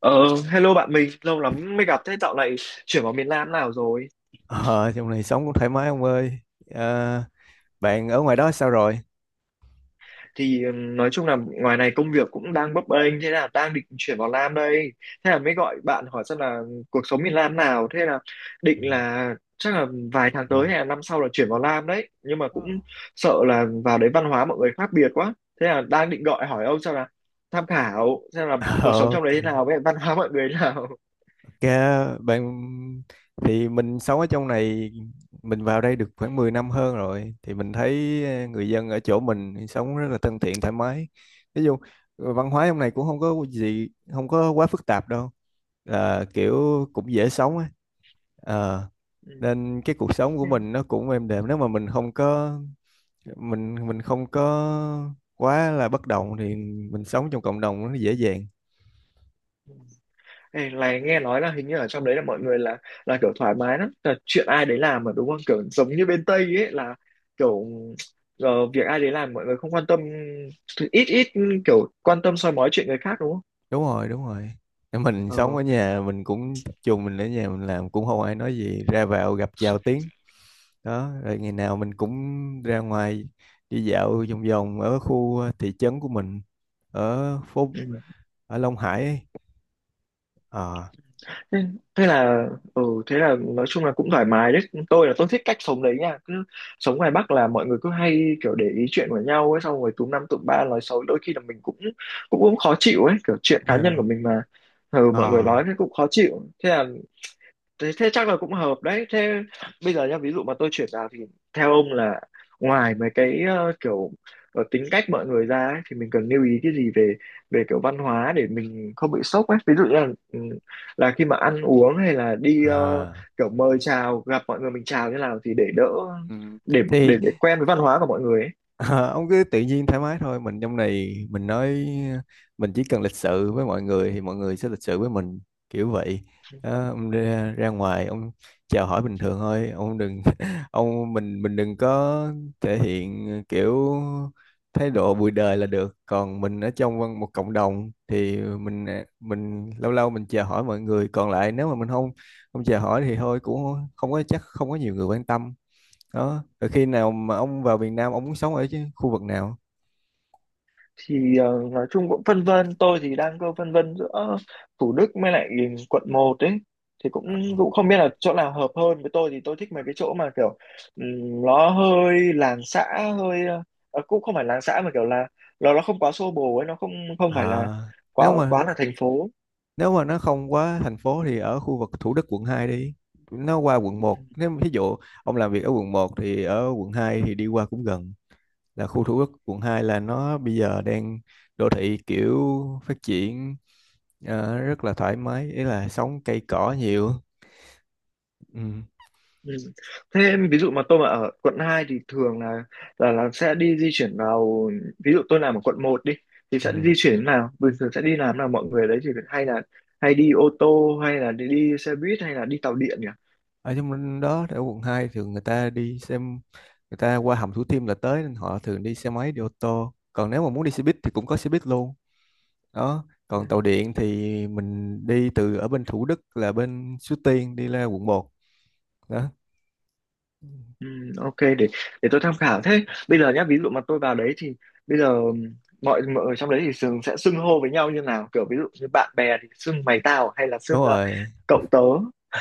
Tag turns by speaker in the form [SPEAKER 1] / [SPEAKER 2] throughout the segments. [SPEAKER 1] Ờ, Hello bạn mình, lâu lắm mới gặp. Thế dạo này chuyển vào miền Nam nào rồi?
[SPEAKER 2] Ờ, trong này sống cũng thoải mái ông ơi. Ờ, Bạn ở ngoài đó sao rồi?
[SPEAKER 1] Thì nói chung là ngoài này công việc cũng đang bấp bênh, thế là đang định chuyển vào Nam đây. Thế là mới gọi bạn hỏi xem là cuộc sống miền Nam nào, thế là
[SPEAKER 2] Ừ.
[SPEAKER 1] định là chắc là vài tháng
[SPEAKER 2] Ừ.
[SPEAKER 1] tới hay là năm sau là chuyển vào Nam đấy. Nhưng mà cũng
[SPEAKER 2] Ờ,
[SPEAKER 1] sợ là vào đấy văn hóa mọi người khác biệt quá. Thế là đang định gọi hỏi ông xem là tham khảo xem là cuộc sống trong đấy thế
[SPEAKER 2] ok.
[SPEAKER 1] nào với văn hóa mọi người thế nào.
[SPEAKER 2] Ok, bạn thì mình sống ở trong này, mình vào đây được khoảng 10 năm hơn rồi thì mình thấy người dân ở chỗ mình sống rất là thân thiện, thoải mái. Ví dụ văn hóa trong này cũng không có quá phức tạp đâu. Là kiểu cũng dễ sống á. Ờ, Nên cái cuộc sống của mình nó cũng êm đềm, nếu mà mình không có quá là bất động thì mình sống trong cộng đồng nó dễ dàng.
[SPEAKER 1] Ừ. Ê, này nghe nói là hình như ở trong đấy là mọi người là kiểu thoải mái lắm, là chuyện ai đấy làm mà đúng không, kiểu giống như bên Tây ấy, là kiểu việc ai đấy làm mọi người không quan tâm, ít ít kiểu quan tâm soi mói chuyện người khác, đúng không?
[SPEAKER 2] Đúng rồi, đúng rồi. Nếu mình
[SPEAKER 1] Ờ,
[SPEAKER 2] sống ở nhà, mình cũng tập trung, mình ở nhà mình làm cũng không ai nói gì, ra vào gặp chào tiếng đó. Rồi ngày nào mình cũng ra ngoài đi dạo vòng vòng ở khu thị trấn của mình, ở phố,
[SPEAKER 1] ừ.
[SPEAKER 2] ở Long Hải ấy. Ờ.
[SPEAKER 1] thế, thế là thế là nói chung là cũng thoải mái đấy. Tôi là tôi thích cách sống đấy nha, cứ sống ngoài Bắc là mọi người cứ hay kiểu để ý chuyện của nhau ấy, xong rồi túm năm tụm ba nói xấu, đôi khi là mình cũng cũng cũng khó chịu ấy, kiểu chuyện cá
[SPEAKER 2] Ờ,
[SPEAKER 1] nhân của mình mà, ừ, mọi người
[SPEAKER 2] ờ,
[SPEAKER 1] nói thế cũng khó chịu. Thế là thế chắc là cũng hợp đấy. Thế bây giờ nhá, ví dụ mà tôi chuyển vào thì theo ông là ngoài mấy cái kiểu tính cách mọi người ra ấy, thì mình cần lưu ý cái gì về về kiểu văn hóa để mình không bị sốc ấy, ví dụ như ừ, là khi mà ăn uống, hay là đi
[SPEAKER 2] ờ.
[SPEAKER 1] kiểu mời chào gặp mọi người mình chào như nào thì để đỡ,
[SPEAKER 2] Ừ.
[SPEAKER 1] để
[SPEAKER 2] thì
[SPEAKER 1] để để quen với văn hóa của mọi người ấy.
[SPEAKER 2] Ờ, ông cứ tự nhiên thoải mái thôi. Mình trong này mình nói mình chỉ cần lịch sự với mọi người thì mọi người sẽ lịch sự với mình, kiểu vậy. Đó, ông ra ngoài ông chào hỏi bình thường thôi. Ông đừng ông mình đừng có thể hiện kiểu thái độ bụi đời là được. Còn mình ở trong một cộng đồng thì mình lâu lâu mình chào hỏi mọi người, còn lại nếu mà mình không không chào hỏi thì thôi, cũng không có, chắc không có nhiều người quan tâm. Đó. Rồi khi nào mà ông vào Việt Nam ông muốn sống ở chứ khu vực nào?
[SPEAKER 1] Thì nói chung cũng phân vân. Tôi thì đang cơ phân vân giữa Thủ Đức với lại quận 1 ấy, thì cũng cũng không biết là chỗ nào hợp hơn với tôi. Thì tôi thích mấy cái chỗ mà kiểu nó hơi làng xã, hơi cũng không phải làng xã mà kiểu là nó không quá xô bồ ấy, nó không, không phải là
[SPEAKER 2] À, nếu
[SPEAKER 1] quá
[SPEAKER 2] mà
[SPEAKER 1] quá là thành phố.
[SPEAKER 2] nếu mà nó không quá thành phố thì ở khu vực Thủ Đức quận 2 đi, nó qua quận 1. Nếu mà ví dụ ông làm việc ở quận 1 thì ở quận 2 thì đi qua cũng gần. Là khu Thủ Đức quận 2 là nó bây giờ đang đô thị kiểu phát triển, rất là thoải mái, ý là sống cây cỏ nhiều. Ừ.
[SPEAKER 1] Ừ. Thế em, ví dụ mà tôi mà ở quận 2 thì thường là sẽ đi di chuyển vào, ví dụ tôi làm ở quận 1 đi, thì
[SPEAKER 2] Ừ.
[SPEAKER 1] sẽ di chuyển thế nào? Bình thường sẽ đi làm nào mọi người đấy, thì hay đi ô tô hay là đi xe buýt hay là đi tàu điện nhỉ?
[SPEAKER 2] Ở trong đó, ở quận 2 thường người ta đi xem, người ta qua hầm Thủ Thiêm là tới, nên họ thường đi xe máy, đi ô tô, còn nếu mà muốn đi xe buýt thì cũng có xe buýt luôn. Đó. Còn tàu
[SPEAKER 1] Ừ.
[SPEAKER 2] điện thì mình đi từ ở bên Thủ Đức, là bên Suối Tiên đi ra quận 1. Đó.
[SPEAKER 1] Ừ, ok, để tôi tham khảo. Thế bây giờ nhá, ví dụ mà tôi vào đấy thì bây giờ mọi mọi người trong đấy thì thường sẽ xưng hô với nhau như nào, kiểu ví dụ như bạn bè thì xưng mày tao hay là
[SPEAKER 2] Đúng
[SPEAKER 1] xưng
[SPEAKER 2] rồi.
[SPEAKER 1] cậu tớ?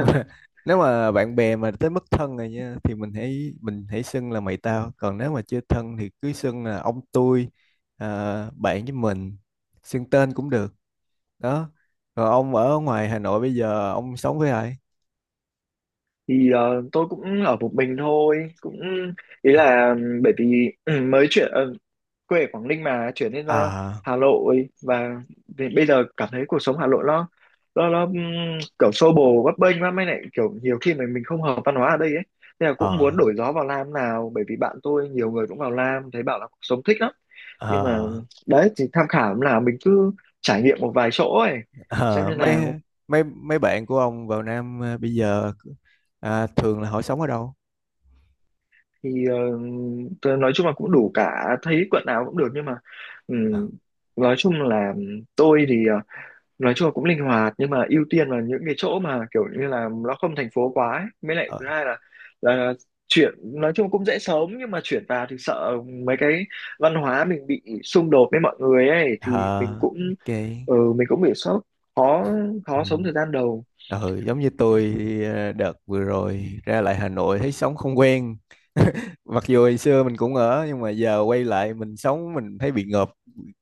[SPEAKER 2] Nếu mà bạn bè mà tới mức thân rồi nha thì mình hãy xưng là mày tao, còn nếu mà chưa thân thì cứ xưng là ông tôi. À, bạn với mình xưng tên cũng được. Đó. Rồi ông ở ngoài Hà Nội bây giờ ông sống với ai?
[SPEAKER 1] Thì tôi cũng ở một mình thôi, ý là bởi vì mới chuyển, quê ở Quảng Ninh mà chuyển lên
[SPEAKER 2] À.
[SPEAKER 1] Hà Nội, và vì bây giờ cảm thấy cuộc sống Hà Nội nó kiểu xô bồ bấp bênh lắm, mới lại kiểu nhiều khi mà mình không hợp văn hóa ở đây ấy, nên là cũng muốn
[SPEAKER 2] ờ
[SPEAKER 1] đổi gió vào Nam nào, bởi vì bạn tôi nhiều người cũng vào Nam thấy bảo là cuộc sống thích lắm.
[SPEAKER 2] ờ.
[SPEAKER 1] Nhưng mà đấy, thì tham khảo là mình cứ trải nghiệm một vài chỗ ấy xem
[SPEAKER 2] Ờ,
[SPEAKER 1] như nào.
[SPEAKER 2] mấy mấy mấy bạn của ông vào Nam à, bây giờ à, thường là họ sống ở đâu?
[SPEAKER 1] Thì tớ nói chung là cũng đủ cả, thấy quận nào cũng được, nhưng mà
[SPEAKER 2] À,
[SPEAKER 1] ừm, nói chung là tôi thì nói chung là cũng linh hoạt, nhưng mà ưu tiên là những cái chỗ mà kiểu như là nó không thành phố quá ấy. Mới lại
[SPEAKER 2] ờ
[SPEAKER 1] thứ hai là chuyển, nói chung cũng dễ sống nhưng mà chuyển vào thì sợ mấy cái văn hóa mình bị xung đột với mọi người ấy, thì mình
[SPEAKER 2] ờ,
[SPEAKER 1] cũng
[SPEAKER 2] ok.
[SPEAKER 1] mình cũng bị sốc, khó
[SPEAKER 2] Ừ.
[SPEAKER 1] khó sống thời gian đầu.
[SPEAKER 2] Ừ, giống như tôi đợt vừa rồi ra lại Hà Nội thấy sống không quen. Mặc dù hồi xưa mình cũng ở nhưng mà giờ quay lại mình sống, mình thấy bị ngợp,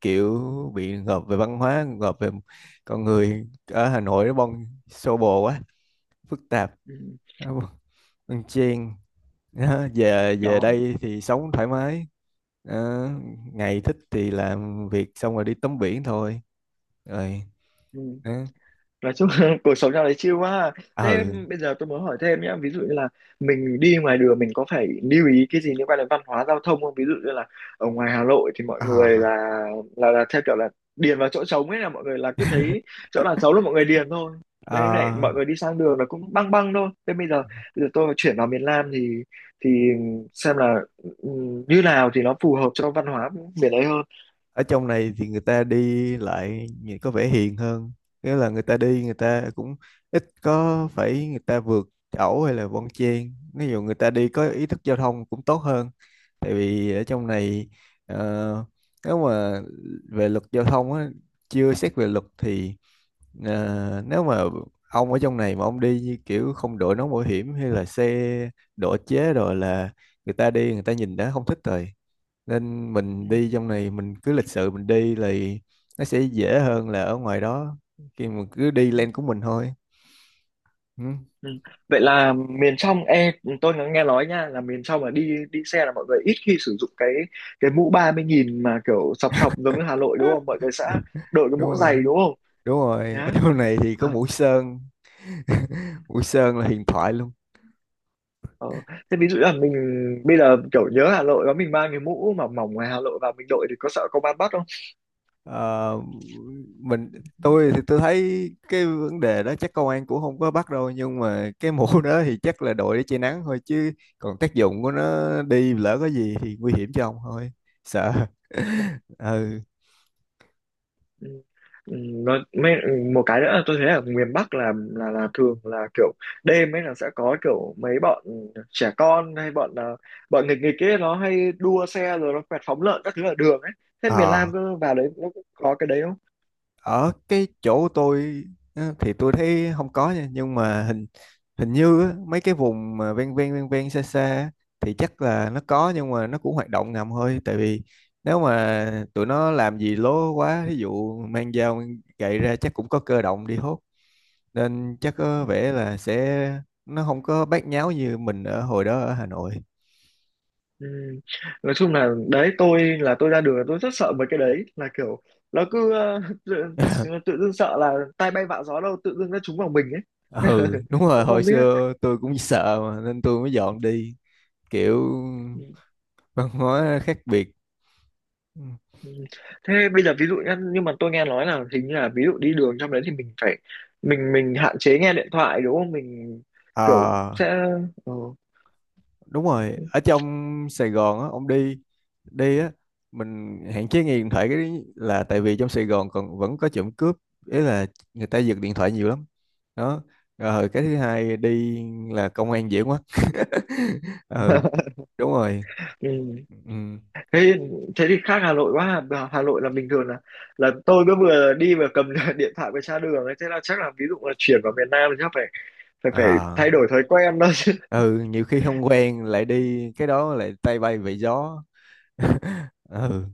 [SPEAKER 2] kiểu bị ngợp về văn hóa, ngợp về con người. Ở Hà Nội nó bon xô bồ quá, phức tạp,
[SPEAKER 1] Ừ,
[SPEAKER 2] nó bon chen. Đó, về về
[SPEAKER 1] đó.
[SPEAKER 2] đây thì sống thoải mái. Đó, ngày thích thì làm việc xong rồi đi tắm biển thôi. Rồi.
[SPEAKER 1] Ừ.
[SPEAKER 2] Đó. Ừ.
[SPEAKER 1] Nói chung là cuộc sống trong đấy chill quá à. Thế bây giờ tôi muốn hỏi thêm nhé, ví dụ như là mình đi ngoài đường mình có phải lưu ý cái gì liên quan đến văn hóa giao thông không, ví dụ như là ở ngoài Hà Nội thì mọi người là
[SPEAKER 2] À.
[SPEAKER 1] là, là theo kiểu là điền vào chỗ trống ấy, là mọi người là cứ thấy chỗ nào trống là mọi người điền thôi, bên em này
[SPEAKER 2] Ờ.
[SPEAKER 1] mọi người đi sang đường là cũng băng băng thôi. Thế bây giờ tôi chuyển vào miền Nam thì xem là như nào thì nó phù hợp cho văn hóa miền đấy hơn.
[SPEAKER 2] Ở trong này thì người ta đi lại nhìn có vẻ hiền hơn. Nghĩa là người ta đi, người ta cũng ít có phải người ta vượt ẩu hay là bon chen. Ví dụ người ta đi có ý thức giao thông cũng tốt hơn. Tại vì ở trong này ờ, nếu mà về luật giao thông á, chưa xét về luật thì nếu mà ông ở trong này mà ông đi như kiểu không đội nón bảo hiểm hay là xe độ chế rồi là người ta đi người ta nhìn đã không thích rồi. Nên mình đi trong này mình cứ lịch sự, mình đi là nó sẽ dễ hơn là ở ngoài đó, khi mà cứ đi lên của mình thôi. Ừ.
[SPEAKER 1] Ừ. Vậy là miền trong, e tôi có nghe nói nha, là miền trong là đi đi xe là mọi người ít khi sử dụng cái mũ 30.000 mà kiểu sọc sọc giống như Hà Nội đúng không? Mọi người sẽ đội cái
[SPEAKER 2] Đúng
[SPEAKER 1] mũ
[SPEAKER 2] rồi,
[SPEAKER 1] dày đúng không?
[SPEAKER 2] đúng rồi. Ở
[SPEAKER 1] Nhá.
[SPEAKER 2] trong này thì có
[SPEAKER 1] Ờ.
[SPEAKER 2] Mũi Sơn. Mũi Sơn là huyền thoại luôn.
[SPEAKER 1] Ờ. Thế ví dụ là mình bây giờ kiểu nhớ Hà Nội đó, mình mang cái mũ mà mỏng ngoài Hà Nội và mình đội thì có sợ công an bắt?
[SPEAKER 2] Ờ, mình Tôi thì tôi thấy cái vấn đề đó chắc công an cũng không có bắt đâu, nhưng mà cái mũ đó thì chắc là đội để che nắng thôi chứ, còn tác dụng của nó, đi lỡ có gì thì nguy hiểm cho ông thôi, sợ. Ừ.
[SPEAKER 1] Ừ. Ừ, nó mấy, một cái nữa tôi thấy ở miền Bắc là thường là kiểu đêm ấy là sẽ có kiểu mấy bọn trẻ con hay bọn nghịch nghịch ấy nó hay đua xe, rồi nó quẹt phóng lợn các thứ ở đường ấy. Thế miền Nam
[SPEAKER 2] À,
[SPEAKER 1] cứ vào đấy nó cũng có cái đấy không?
[SPEAKER 2] ở cái chỗ tôi á, thì tôi thấy không có nha, nhưng mà hình hình như á, mấy cái vùng mà ven ven ven ven xa xa á, thì chắc là nó có, nhưng mà nó cũng hoạt động ngầm thôi. Tại vì nếu mà tụi nó làm gì lố quá, ví dụ mang dao mang gậy ra, chắc cũng có cơ động đi hốt, nên chắc
[SPEAKER 1] Ừ.
[SPEAKER 2] có vẻ là sẽ nó không có bát nháo như mình ở hồi đó ở Hà Nội.
[SPEAKER 1] Ừ. Nói chung là đấy, tôi là tôi ra đường là tôi rất sợ mấy cái đấy, là kiểu nó cứ tự, tự dưng sợ là tai bay vạ gió đâu tự dưng nó trúng vào mình ấy.
[SPEAKER 2] Ừ, đúng rồi.
[SPEAKER 1] Cũng
[SPEAKER 2] Hồi
[SPEAKER 1] không biết.
[SPEAKER 2] xưa tôi cũng sợ mà, nên tôi mới dọn đi, kiểu
[SPEAKER 1] Ừ.
[SPEAKER 2] văn hóa khác biệt.
[SPEAKER 1] Ừ. Thế bây giờ ví dụ nhá, nhưng mà tôi nghe nói là hình như là, ví dụ đi đường trong đấy thì mình phải mình hạn chế nghe điện thoại đúng không? Mình kiểu
[SPEAKER 2] Ờ,
[SPEAKER 1] sẽ, ừ.
[SPEAKER 2] đúng rồi. Ở trong Sài Gòn á, ông đi đi á, mình hạn chế nghe điện thoại, cái là tại vì trong Sài Gòn còn vẫn có trộm cướp, ý là người ta giật điện thoại nhiều lắm. Đó. Rồi cái thứ hai đi là công an dễ quá. Ừ, đúng rồi.
[SPEAKER 1] Ừ.
[SPEAKER 2] Ừ.
[SPEAKER 1] Thế thế thì khác Hà Nội quá. Hà Hà Nội là bình thường là tôi cứ vừa đi vừa cầm điện thoại vừa tra đường ấy. Thế là chắc là ví dụ là chuyển vào miền Nam thì chắc phải phải phải
[SPEAKER 2] À.
[SPEAKER 1] thay đổi thói quen đó chứ.
[SPEAKER 2] Ừ, nhiều khi không quen lại đi cái đó lại tay bay về gió. Ừ.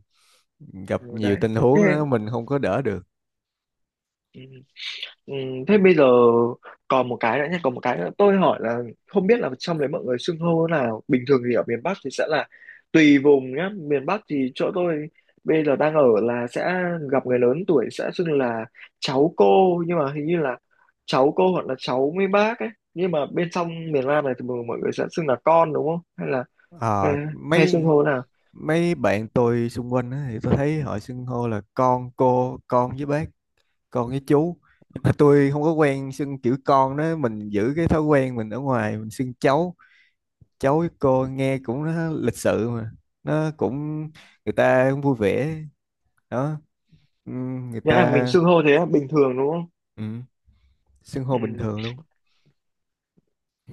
[SPEAKER 2] Gặp
[SPEAKER 1] Ừ,
[SPEAKER 2] nhiều
[SPEAKER 1] đấy.
[SPEAKER 2] tình
[SPEAKER 1] Thế,
[SPEAKER 2] huống đó mình không có đỡ được.
[SPEAKER 1] ừ. Ừ, thế bây giờ còn một cái nữa nhé, còn một cái nữa. Tôi hỏi là không biết là trong đấy mọi người xưng hô thế nào. Bình thường thì ở miền Bắc thì sẽ là tùy vùng nhá. Miền Bắc thì chỗ tôi bây giờ đang ở là sẽ gặp người lớn tuổi sẽ xưng là cháu cô, nhưng mà hình như là cháu cô hoặc là cháu mấy bác ấy. Nhưng mà bên trong miền Nam này thì mọi mọi người sẽ xưng là con đúng không? Hay là hay,
[SPEAKER 2] À,
[SPEAKER 1] hay xưng
[SPEAKER 2] mấy
[SPEAKER 1] hô thế nào?
[SPEAKER 2] mấy bạn tôi xung quanh á, thì tôi thấy họ xưng hô là con cô, con với bác, con với chú. Nhưng mà tôi không có quen xưng kiểu con đó, mình giữ cái thói quen mình ở ngoài mình xưng cháu, cháu với cô nghe cũng nó lịch sự mà, nó cũng, người ta cũng vui vẻ. Đó. Người
[SPEAKER 1] Nghĩa là mình
[SPEAKER 2] ta
[SPEAKER 1] xưng hô thế là bình thường đúng không?
[SPEAKER 2] ừm, xưng hô bình
[SPEAKER 1] Ừ.
[SPEAKER 2] thường luôn.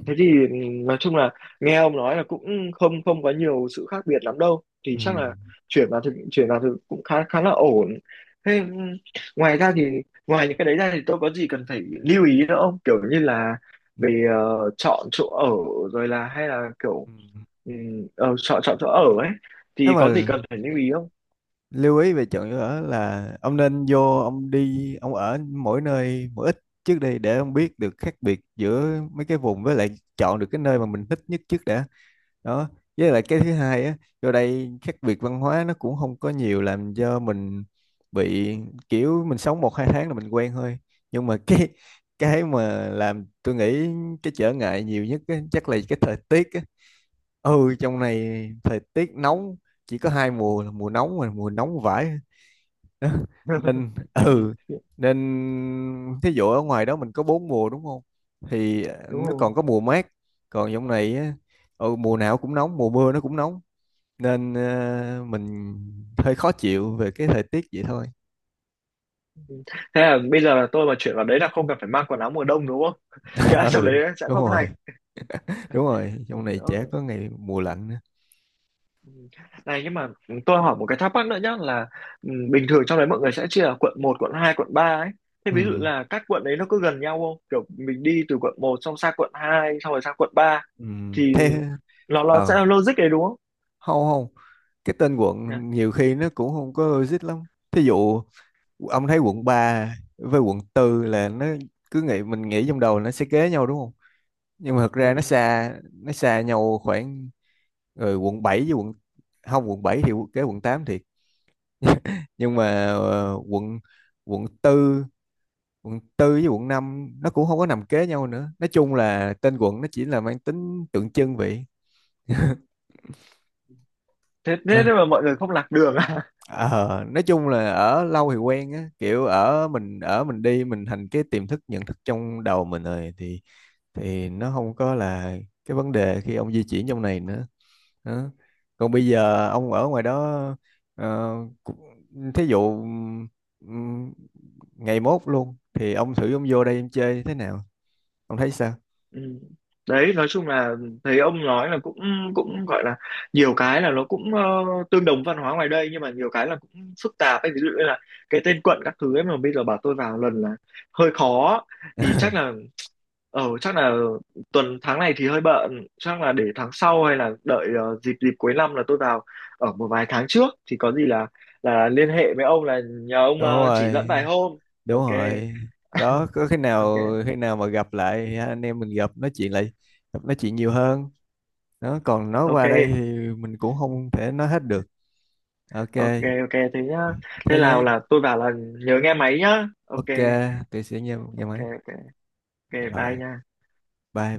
[SPEAKER 1] Thế thì nói chung là nghe ông nói là cũng không, không có nhiều sự khác biệt lắm đâu, thì chắc là
[SPEAKER 2] Ừm.
[SPEAKER 1] chuyển vào thực cũng khá khá là ổn. Thế ngoài ra thì, ngoài những cái đấy ra thì tôi có gì cần phải lưu ý nữa không? Kiểu như là về chọn chỗ ở, rồi là hay là kiểu
[SPEAKER 2] Ừm.
[SPEAKER 1] chọn chọn chỗ ở ấy thì
[SPEAKER 2] Nếu mà
[SPEAKER 1] có gì cần phải lưu ý không?
[SPEAKER 2] lưu ý về chọn chỗ ở là ông nên vô, ông đi ông ở mỗi nơi mỗi ít trước đi để ông biết được khác biệt giữa mấy cái vùng, với lại chọn được cái nơi mà mình thích nhất trước đã. Đó. Với lại cái thứ hai á, vô đây khác biệt văn hóa nó cũng không có nhiều, làm cho mình bị kiểu mình sống một hai tháng là mình quen thôi. Nhưng mà cái mà làm tôi nghĩ cái trở ngại nhiều nhất á, chắc là cái thời tiết á. Ừ, trong này thời tiết nóng, chỉ có hai mùa là mùa nóng và mùa nóng vãi. Đó. Nên
[SPEAKER 1] Ừ,
[SPEAKER 2] ừ nên thí dụ ở ngoài đó mình có bốn mùa, đúng không? Thì
[SPEAKER 1] đúng
[SPEAKER 2] nó
[SPEAKER 1] rồi.
[SPEAKER 2] còn có mùa mát. Còn trong này á, ừ, mùa nào cũng nóng, mùa mưa nó cũng nóng. Nên mình hơi khó chịu về cái thời tiết vậy thôi.
[SPEAKER 1] Ừ. Thế là bây giờ là tôi mà chuyển vào đấy là không cần phải mang quần áo mùa đông đúng không? Nghĩa là trong đấy
[SPEAKER 2] Ừ,
[SPEAKER 1] sẽ
[SPEAKER 2] đúng
[SPEAKER 1] không lạnh.
[SPEAKER 2] rồi, đúng rồi.
[SPEAKER 1] Ừ,
[SPEAKER 2] Trong này
[SPEAKER 1] ok.
[SPEAKER 2] chả có ngày mùa lạnh nữa.
[SPEAKER 1] Ừ. Này nhưng mà tôi hỏi một cái thắc mắc nữa nhá, là bình thường trong đấy mọi người sẽ chia là quận 1, quận 2, quận 3 ấy. Thế
[SPEAKER 2] Ừ,
[SPEAKER 1] ví dụ là các quận đấy nó có gần nhau không? Kiểu mình đi từ quận 1 xong sang quận 2 xong rồi sang quận 3
[SPEAKER 2] ừ.
[SPEAKER 1] thì
[SPEAKER 2] Thế,
[SPEAKER 1] nó sẽ
[SPEAKER 2] ờ
[SPEAKER 1] là logic đấy đúng không?
[SPEAKER 2] không không, cái tên
[SPEAKER 1] Dạ.
[SPEAKER 2] quận nhiều khi nó cũng không có logic lắm. Thí dụ ông thấy quận 3 với quận 4 là nó, cứ nghĩ mình nghĩ trong đầu nó sẽ kế nhau đúng không, nhưng mà thật ra nó
[SPEAKER 1] Ừ.
[SPEAKER 2] xa nó xa nhau khoảng. Rồi quận 7 với quận không, quận 7 thì kế quận 8 thiệt. Nhưng mà quận quận tư quận tư với quận 5 nó cũng không có nằm kế nhau nữa. Nói chung là tên quận nó chỉ là mang tính tượng trưng vậy.
[SPEAKER 1] Thế
[SPEAKER 2] Ừ.
[SPEAKER 1] thế thế mà mọi người không lạc đường à?
[SPEAKER 2] Ờ, nói chung là ở lâu thì quen á, kiểu ở mình đi mình thành cái tiềm thức nhận thức trong đầu mình rồi thì nó không có là cái vấn đề khi ông di chuyển trong này nữa. Đó. Còn bây giờ ông ở ngoài đó, ờ, cũng- thí dụ ừm, ngày mốt luôn thì ông thử ông vô đây em chơi thế nào, ông thấy sao?
[SPEAKER 1] Ừ. Đấy, nói chung là thấy ông nói là cũng cũng gọi là nhiều cái là nó cũng tương đồng văn hóa ngoài đây, nhưng mà nhiều cái là cũng phức tạp ấy, ví dụ như là cái tên quận các thứ ấy mà bây giờ bảo tôi vào lần là hơi khó, thì chắc là tuần tháng này thì hơi bận, chắc là để tháng sau hay là đợi dịp dịp cuối năm là tôi vào ở một vài tháng trước, thì có gì là liên hệ với ông là nhờ ông
[SPEAKER 2] Đúng
[SPEAKER 1] chỉ
[SPEAKER 2] rồi,
[SPEAKER 1] dẫn vài hôm.
[SPEAKER 2] đúng
[SPEAKER 1] Ok.
[SPEAKER 2] rồi. Đó, có
[SPEAKER 1] Ok,
[SPEAKER 2] khi nào mà gặp lại ha, anh em mình gặp nói chuyện lại, gặp nói chuyện nhiều hơn. Đó. Còn nói
[SPEAKER 1] ok,
[SPEAKER 2] qua đây thì mình cũng không thể nói hết được. Ok,
[SPEAKER 1] ok, ok, thế nhá. Thế
[SPEAKER 2] thế
[SPEAKER 1] nào
[SPEAKER 2] nhé.
[SPEAKER 1] là tôi bảo là nhớ nghe máy nhá. Ok.
[SPEAKER 2] Ok, tôi sẽ nghe nghe
[SPEAKER 1] Ok,
[SPEAKER 2] máy.
[SPEAKER 1] ok, ok,
[SPEAKER 2] Rồi.
[SPEAKER 1] bye nha.
[SPEAKER 2] Bye bye.